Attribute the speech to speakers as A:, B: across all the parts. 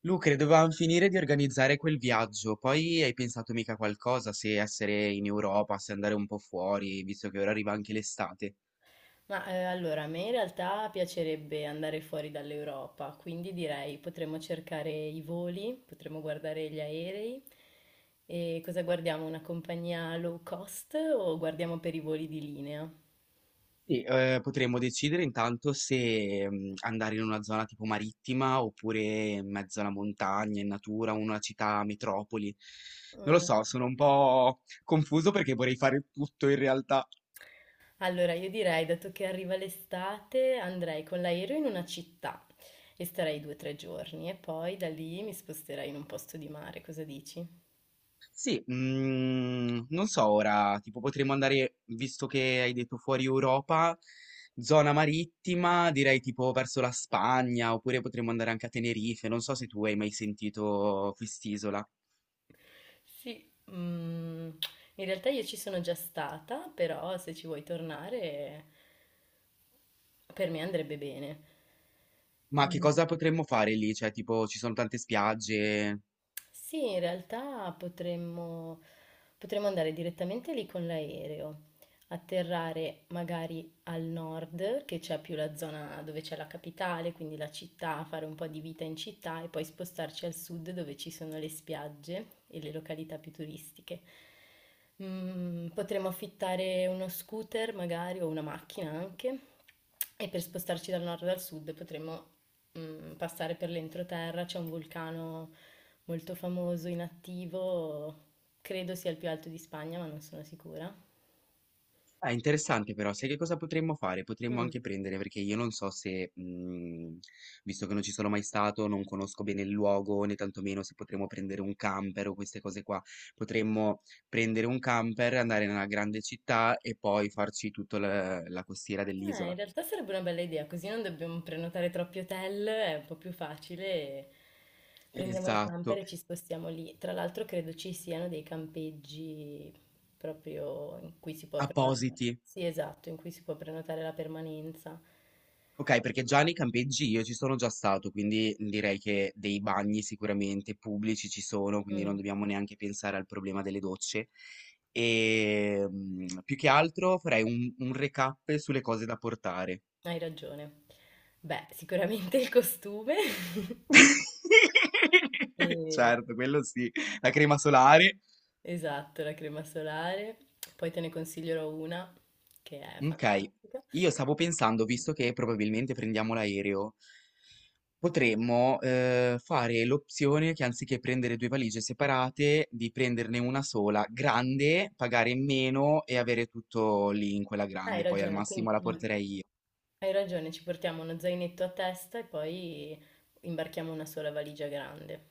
A: Lucre, dovevamo finire di organizzare quel viaggio, poi hai pensato mica qualcosa se essere in Europa, se andare un po' fuori, visto che ora arriva anche l'estate.
B: Ma allora, a me in realtà piacerebbe andare fuori dall'Europa, quindi direi potremmo cercare i voli, potremmo guardare gli aerei. E cosa guardiamo? Una compagnia low cost o guardiamo per i voli di linea?
A: Potremmo decidere intanto se andare in una zona tipo marittima oppure in mezzo alla montagna, in natura, una città metropoli. Non lo
B: Mm.
A: so, sono un po' confuso perché vorrei fare tutto in realtà.
B: Allora, io direi, dato che arriva l'estate, andrei con l'aereo in una città e starei 2 o 3 giorni e poi da lì mi sposterei in un posto di mare. Cosa dici?
A: Sì, non so ora, tipo potremmo andare, visto che hai detto fuori Europa, zona marittima, direi tipo verso la Spagna, oppure potremmo andare anche a Tenerife, non so se tu hai mai sentito quest'isola.
B: Sì, in realtà io ci sono già stata, però se ci vuoi tornare per me andrebbe bene.
A: Ma che cosa potremmo fare lì? Cioè, tipo, ci sono tante spiagge.
B: Sì, in realtà potremmo andare direttamente lì con l'aereo, atterrare magari al nord, che c'è più la zona dove c'è la capitale, quindi la città, fare un po' di vita in città e poi spostarci al sud dove ci sono le spiagge e le località più turistiche. Mm, potremmo affittare uno scooter magari o una macchina anche e per spostarci dal nord al sud potremmo passare per l'entroterra. C'è un vulcano molto famoso, inattivo, credo sia il più alto di Spagna, ma non sono sicura.
A: Ah, interessante però, sai che cosa potremmo fare? Potremmo
B: Mm.
A: anche prendere, perché io non so se, visto che non ci sono mai stato, non conosco bene il luogo, né tantomeno se potremmo prendere un camper o queste cose qua. Potremmo prendere un camper, andare nella grande città e poi farci tutta la costiera
B: In
A: dell'isola.
B: realtà sarebbe una bella idea, così non dobbiamo prenotare troppi hotel, è un po' più facile. Prendiamo il camper
A: Esatto,
B: e ci spostiamo lì. Tra l'altro credo ci siano dei campeggi proprio in cui si può prenotare.
A: appositi.
B: Sì, esatto, in cui si può prenotare la permanenza.
A: Ok, perché già nei campeggi io ci sono già stato, quindi direi che dei bagni sicuramente pubblici ci sono, quindi non
B: Mm,
A: dobbiamo neanche pensare al problema delle docce. E più che altro farei un recap sulle cose da portare.
B: hai ragione. Beh, sicuramente il costume. E
A: Certo, quello sì, la crema solare.
B: Esatto, la crema solare. Poi te ne consiglierò una che è
A: Ok,
B: fantastica.
A: io stavo pensando, visto che probabilmente prendiamo l'aereo. Potremmo, fare l'opzione che anziché prendere 2 valigie separate, di prenderne una sola grande, pagare meno e avere tutto lì in quella
B: Hai
A: grande, poi al
B: ragione, quindi
A: massimo la porterei io.
B: hai ragione, ci portiamo uno zainetto a testa e poi imbarchiamo una sola valigia grande.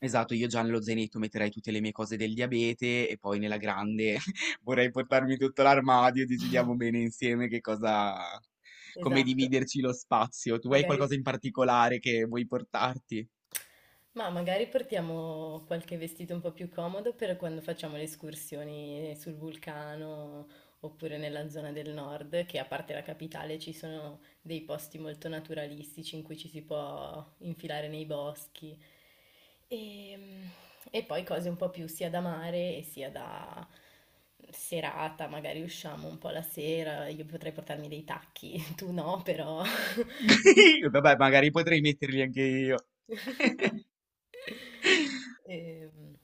A: Esatto, io già nello zainetto metterei tutte le mie cose del diabete e poi nella grande vorrei portarmi tutto l'armadio, decidiamo bene insieme che cosa come
B: Esatto,
A: dividerci lo spazio. Tu hai
B: magari
A: qualcosa in particolare che vuoi portarti?
B: Ma magari portiamo qualche vestito un po' più comodo per quando facciamo le escursioni sul vulcano oppure nella zona del nord, che a parte la capitale ci sono dei posti molto naturalistici in cui ci si può infilare nei boschi. E, e poi cose un po' più sia da mare e sia da serata, magari usciamo un po' la sera, io potrei portarmi dei tacchi, tu no, però...
A: Mm. Vabbè, magari potrei metterli anche io.
B: Ehm,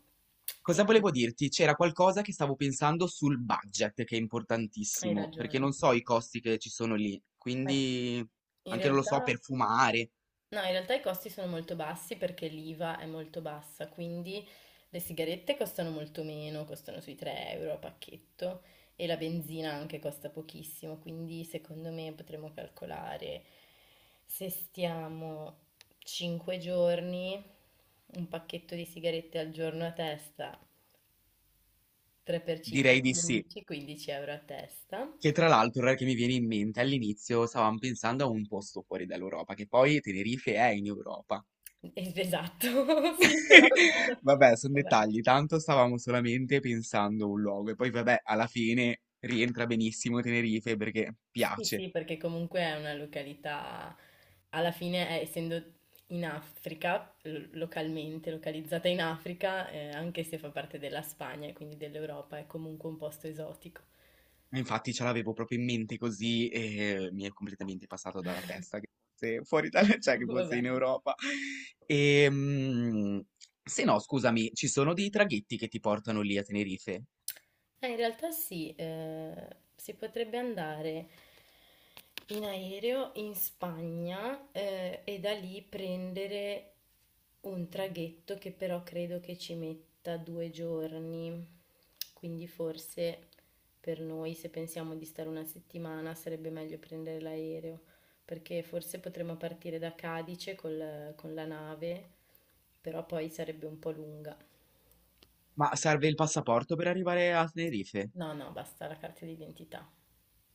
B: E,
A: Cosa volevo dirti? C'era qualcosa che stavo pensando sul budget, che è
B: Hai
A: importantissimo, perché
B: ragione.
A: non so i costi che ci sono lì,
B: Eh,
A: quindi
B: In
A: anche non lo so,
B: realtà,
A: per fumare,
B: no, in realtà i costi sono molto bassi perché l'IVA è molto bassa, quindi le sigarette costano molto meno, costano sui 3 € a pacchetto e la benzina anche costa pochissimo, quindi secondo me potremmo calcolare se stiamo 5 giorni, un pacchetto di sigarette al giorno a testa, 3 per 5,
A: direi di sì.
B: 15, 15 € a testa.
A: Che tra l'altro, ora che mi viene in mente, all'inizio stavamo pensando a un posto fuori dall'Europa, che poi Tenerife è in Europa.
B: Esatto, sì, però...
A: Vabbè, sono
B: Vabbè.
A: dettagli, tanto stavamo solamente pensando a un luogo e poi vabbè, alla fine rientra benissimo Tenerife perché
B: Sì,
A: piace.
B: sì, perché comunque è una località, alla fine, essendo in Africa, localmente, localizzata in Africa, anche se fa parte della Spagna e quindi dell'Europa, è comunque un posto esotico.
A: Infatti ce l'avevo proprio in mente così e mi è completamente passato dalla testa che fosse fuori dalla, cioè che fosse
B: Vabbè.
A: in Europa. E, se no, scusami, ci sono dei traghetti che ti portano lì a Tenerife,
B: In realtà sì, si potrebbe andare in aereo in Spagna e da lì prendere un traghetto che però credo che ci metta 2 giorni. Quindi forse per noi, se pensiamo di stare una settimana, sarebbe meglio prendere l'aereo, perché forse potremmo partire da Cadice con la nave, però poi sarebbe un po' lunga.
A: ma serve il passaporto per arrivare a Tenerife?
B: No, no, basta la carta d'identità.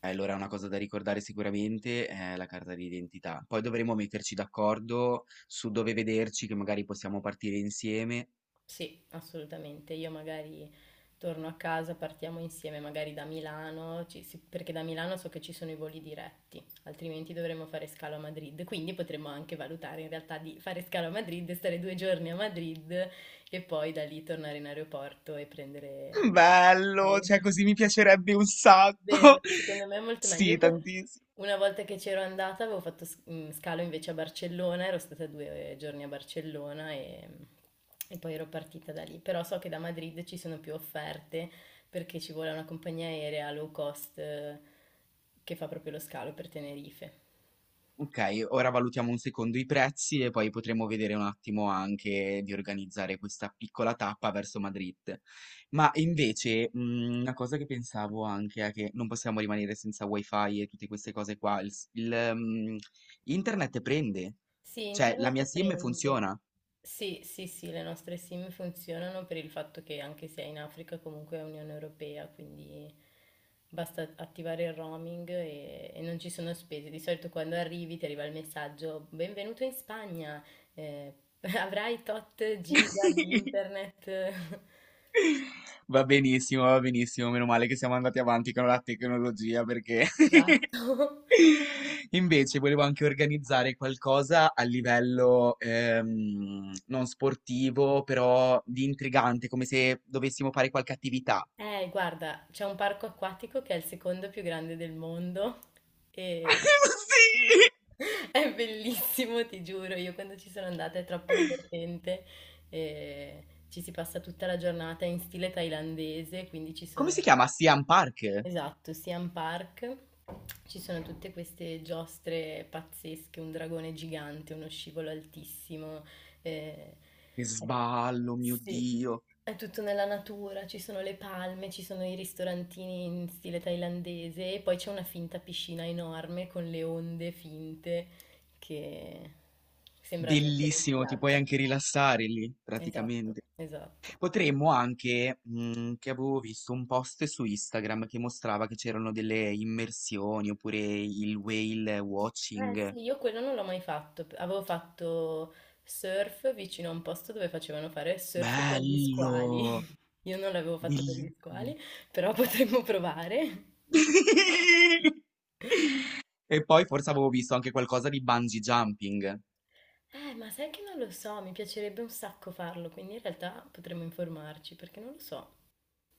A: Allora, una cosa da ricordare sicuramente è la carta d'identità. Poi dovremo metterci d'accordo su dove vederci, che magari possiamo partire insieme.
B: Sì, assolutamente. Io magari torno a casa, partiamo insieme magari da Milano, sì, perché da Milano so che ci sono i voli diretti, altrimenti dovremmo fare scalo a Madrid. Quindi potremmo anche valutare in realtà di fare scalo a Madrid, stare 2 giorni a Madrid e poi da lì tornare in aeroporto e prendere
A: Bello, cioè
B: l'aereo.
A: così mi piacerebbe un sacco.
B: Vero, secondo me è molto meglio.
A: Sì, tantissimo.
B: Una volta che c'ero andata avevo fatto scalo invece a Barcellona, ero stata due giorni a Barcellona e poi ero partita da lì. Però so che da Madrid ci sono più offerte perché ci vuole una compagnia aerea low cost che fa proprio lo scalo per Tenerife.
A: Ok, ora valutiamo un secondo i prezzi e poi potremo vedere un attimo anche di organizzare questa piccola tappa verso Madrid. Ma invece, una cosa che pensavo anche è che non possiamo rimanere senza wifi e tutte queste cose qua. Internet prende,
B: Sì,
A: cioè la mia
B: internet
A: SIM
B: prende.
A: funziona.
B: Sì, sì, sì, le nostre SIM funzionano per il fatto che anche se è in Africa comunque è Unione Europea, quindi basta attivare il roaming e non ci sono spese. Di solito quando arrivi ti arriva il messaggio, benvenuto in Spagna, eh, avrai tot giga di internet.
A: Va benissimo, meno male che siamo andati avanti con la tecnologia perché
B: Esatto.
A: Invece volevo anche organizzare qualcosa a livello non sportivo, però di intrigante, come se dovessimo fare qualche attività.
B: Guarda, c'è un parco acquatico che è il secondo più grande del mondo e
A: Sì!
B: è bellissimo, ti giuro. Io quando ci sono andata è troppo divertente. E ci si passa tutta la giornata in stile thailandese, quindi ci
A: Come
B: sono,
A: si chiama? Siam Park?
B: esatto, Siam Park. Ci sono tutte queste giostre pazzesche, un dragone gigante, uno scivolo altissimo. Eh,
A: Che sballo, mio
B: sì,
A: Dio.
B: è tutto nella natura, ci sono le palme, ci sono i ristorantini in stile thailandese e poi c'è una finta piscina enorme con le onde finte che sembra di essere in
A: Bellissimo, ti puoi
B: spiaggia.
A: anche rilassare lì,
B: Esatto,
A: praticamente.
B: esatto.
A: Potremmo anche, che avevo visto un post su Instagram che mostrava che c'erano delle immersioni oppure il whale
B: Eh
A: watching.
B: sì, io quello non l'ho mai fatto. Avevo fatto surf vicino a un posto dove facevano fare surf con gli squali.
A: Bello,
B: Io non l'avevo fatto per gli
A: bellissimo.
B: squali, però potremmo provare.
A: E poi forse avevo visto anche qualcosa di bungee jumping.
B: Ma sai che non lo so, mi piacerebbe un sacco farlo, quindi in realtà potremmo informarci, perché non lo so.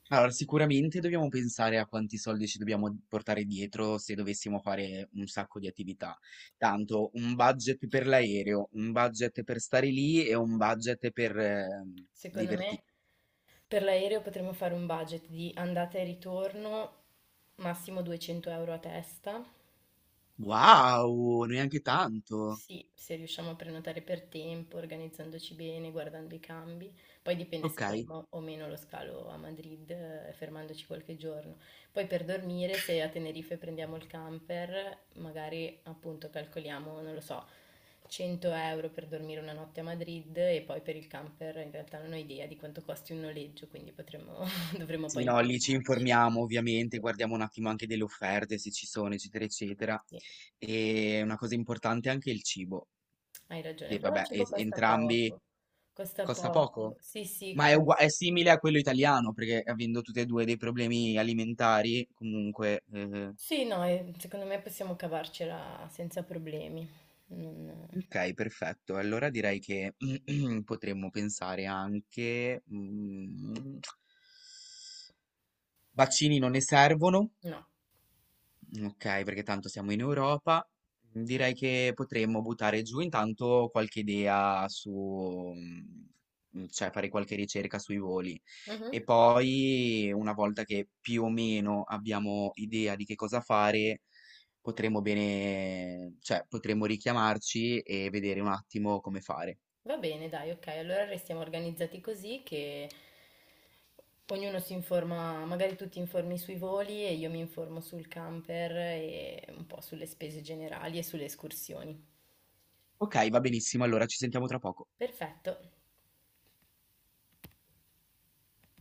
A: Allora, sicuramente dobbiamo pensare a quanti soldi ci dobbiamo portare dietro se dovessimo fare un sacco di attività. Tanto un budget per l'aereo, un budget per stare lì e un budget per
B: Secondo
A: divertirsi.
B: me per l'aereo potremmo fare un budget di andata e ritorno, massimo 200 € a testa.
A: Wow, neanche tanto.
B: Sì, se riusciamo a prenotare per tempo, organizzandoci bene, guardando i cambi. Poi dipende se
A: Ok.
B: faremo o meno lo scalo a Madrid, fermandoci qualche giorno. Poi per dormire, se a Tenerife prendiamo il camper, magari appunto calcoliamo, non lo so, 100 € per dormire una notte a Madrid e poi per il camper in realtà non ho idea di quanto costi un noleggio, quindi potremmo, dovremmo
A: Sì,
B: poi
A: no, lì ci
B: informarci.
A: informiamo ovviamente,
B: Sì,
A: guardiamo un attimo anche delle offerte, se ci sono, eccetera, eccetera.
B: sì,
A: E una cosa importante è anche il cibo,
B: hai ragione,
A: che
B: però il
A: vabbè,
B: cibo
A: e-
B: costa
A: entrambi
B: poco, costa
A: costa
B: poco.
A: poco,
B: Sì, sì,
A: ma è,
B: mm.
A: ugua- è simile a quello italiano, perché avendo tutti e due dei problemi alimentari, comunque...
B: Sì, no, e secondo me possiamo cavarcela senza problemi. Non-
A: ok, perfetto. Allora direi che potremmo pensare anche... vaccini non ne servono.
B: No.
A: Ok, perché tanto siamo in Europa. Mhmm, direi che potremmo buttare giù intanto qualche idea su, cioè fare qualche ricerca sui voli.
B: Mhm.
A: E poi, una volta che più o meno abbiamo idea di che cosa fare, potremmo bene, cioè potremmo richiamarci e vedere un attimo come fare.
B: Va bene, dai, ok, allora restiamo organizzati così che ognuno si informa, magari tu ti informi sui voli e io mi informo sul camper e un po' sulle spese generali e sulle escursioni.
A: Ok, va benissimo, allora ci sentiamo tra poco.
B: Perfetto.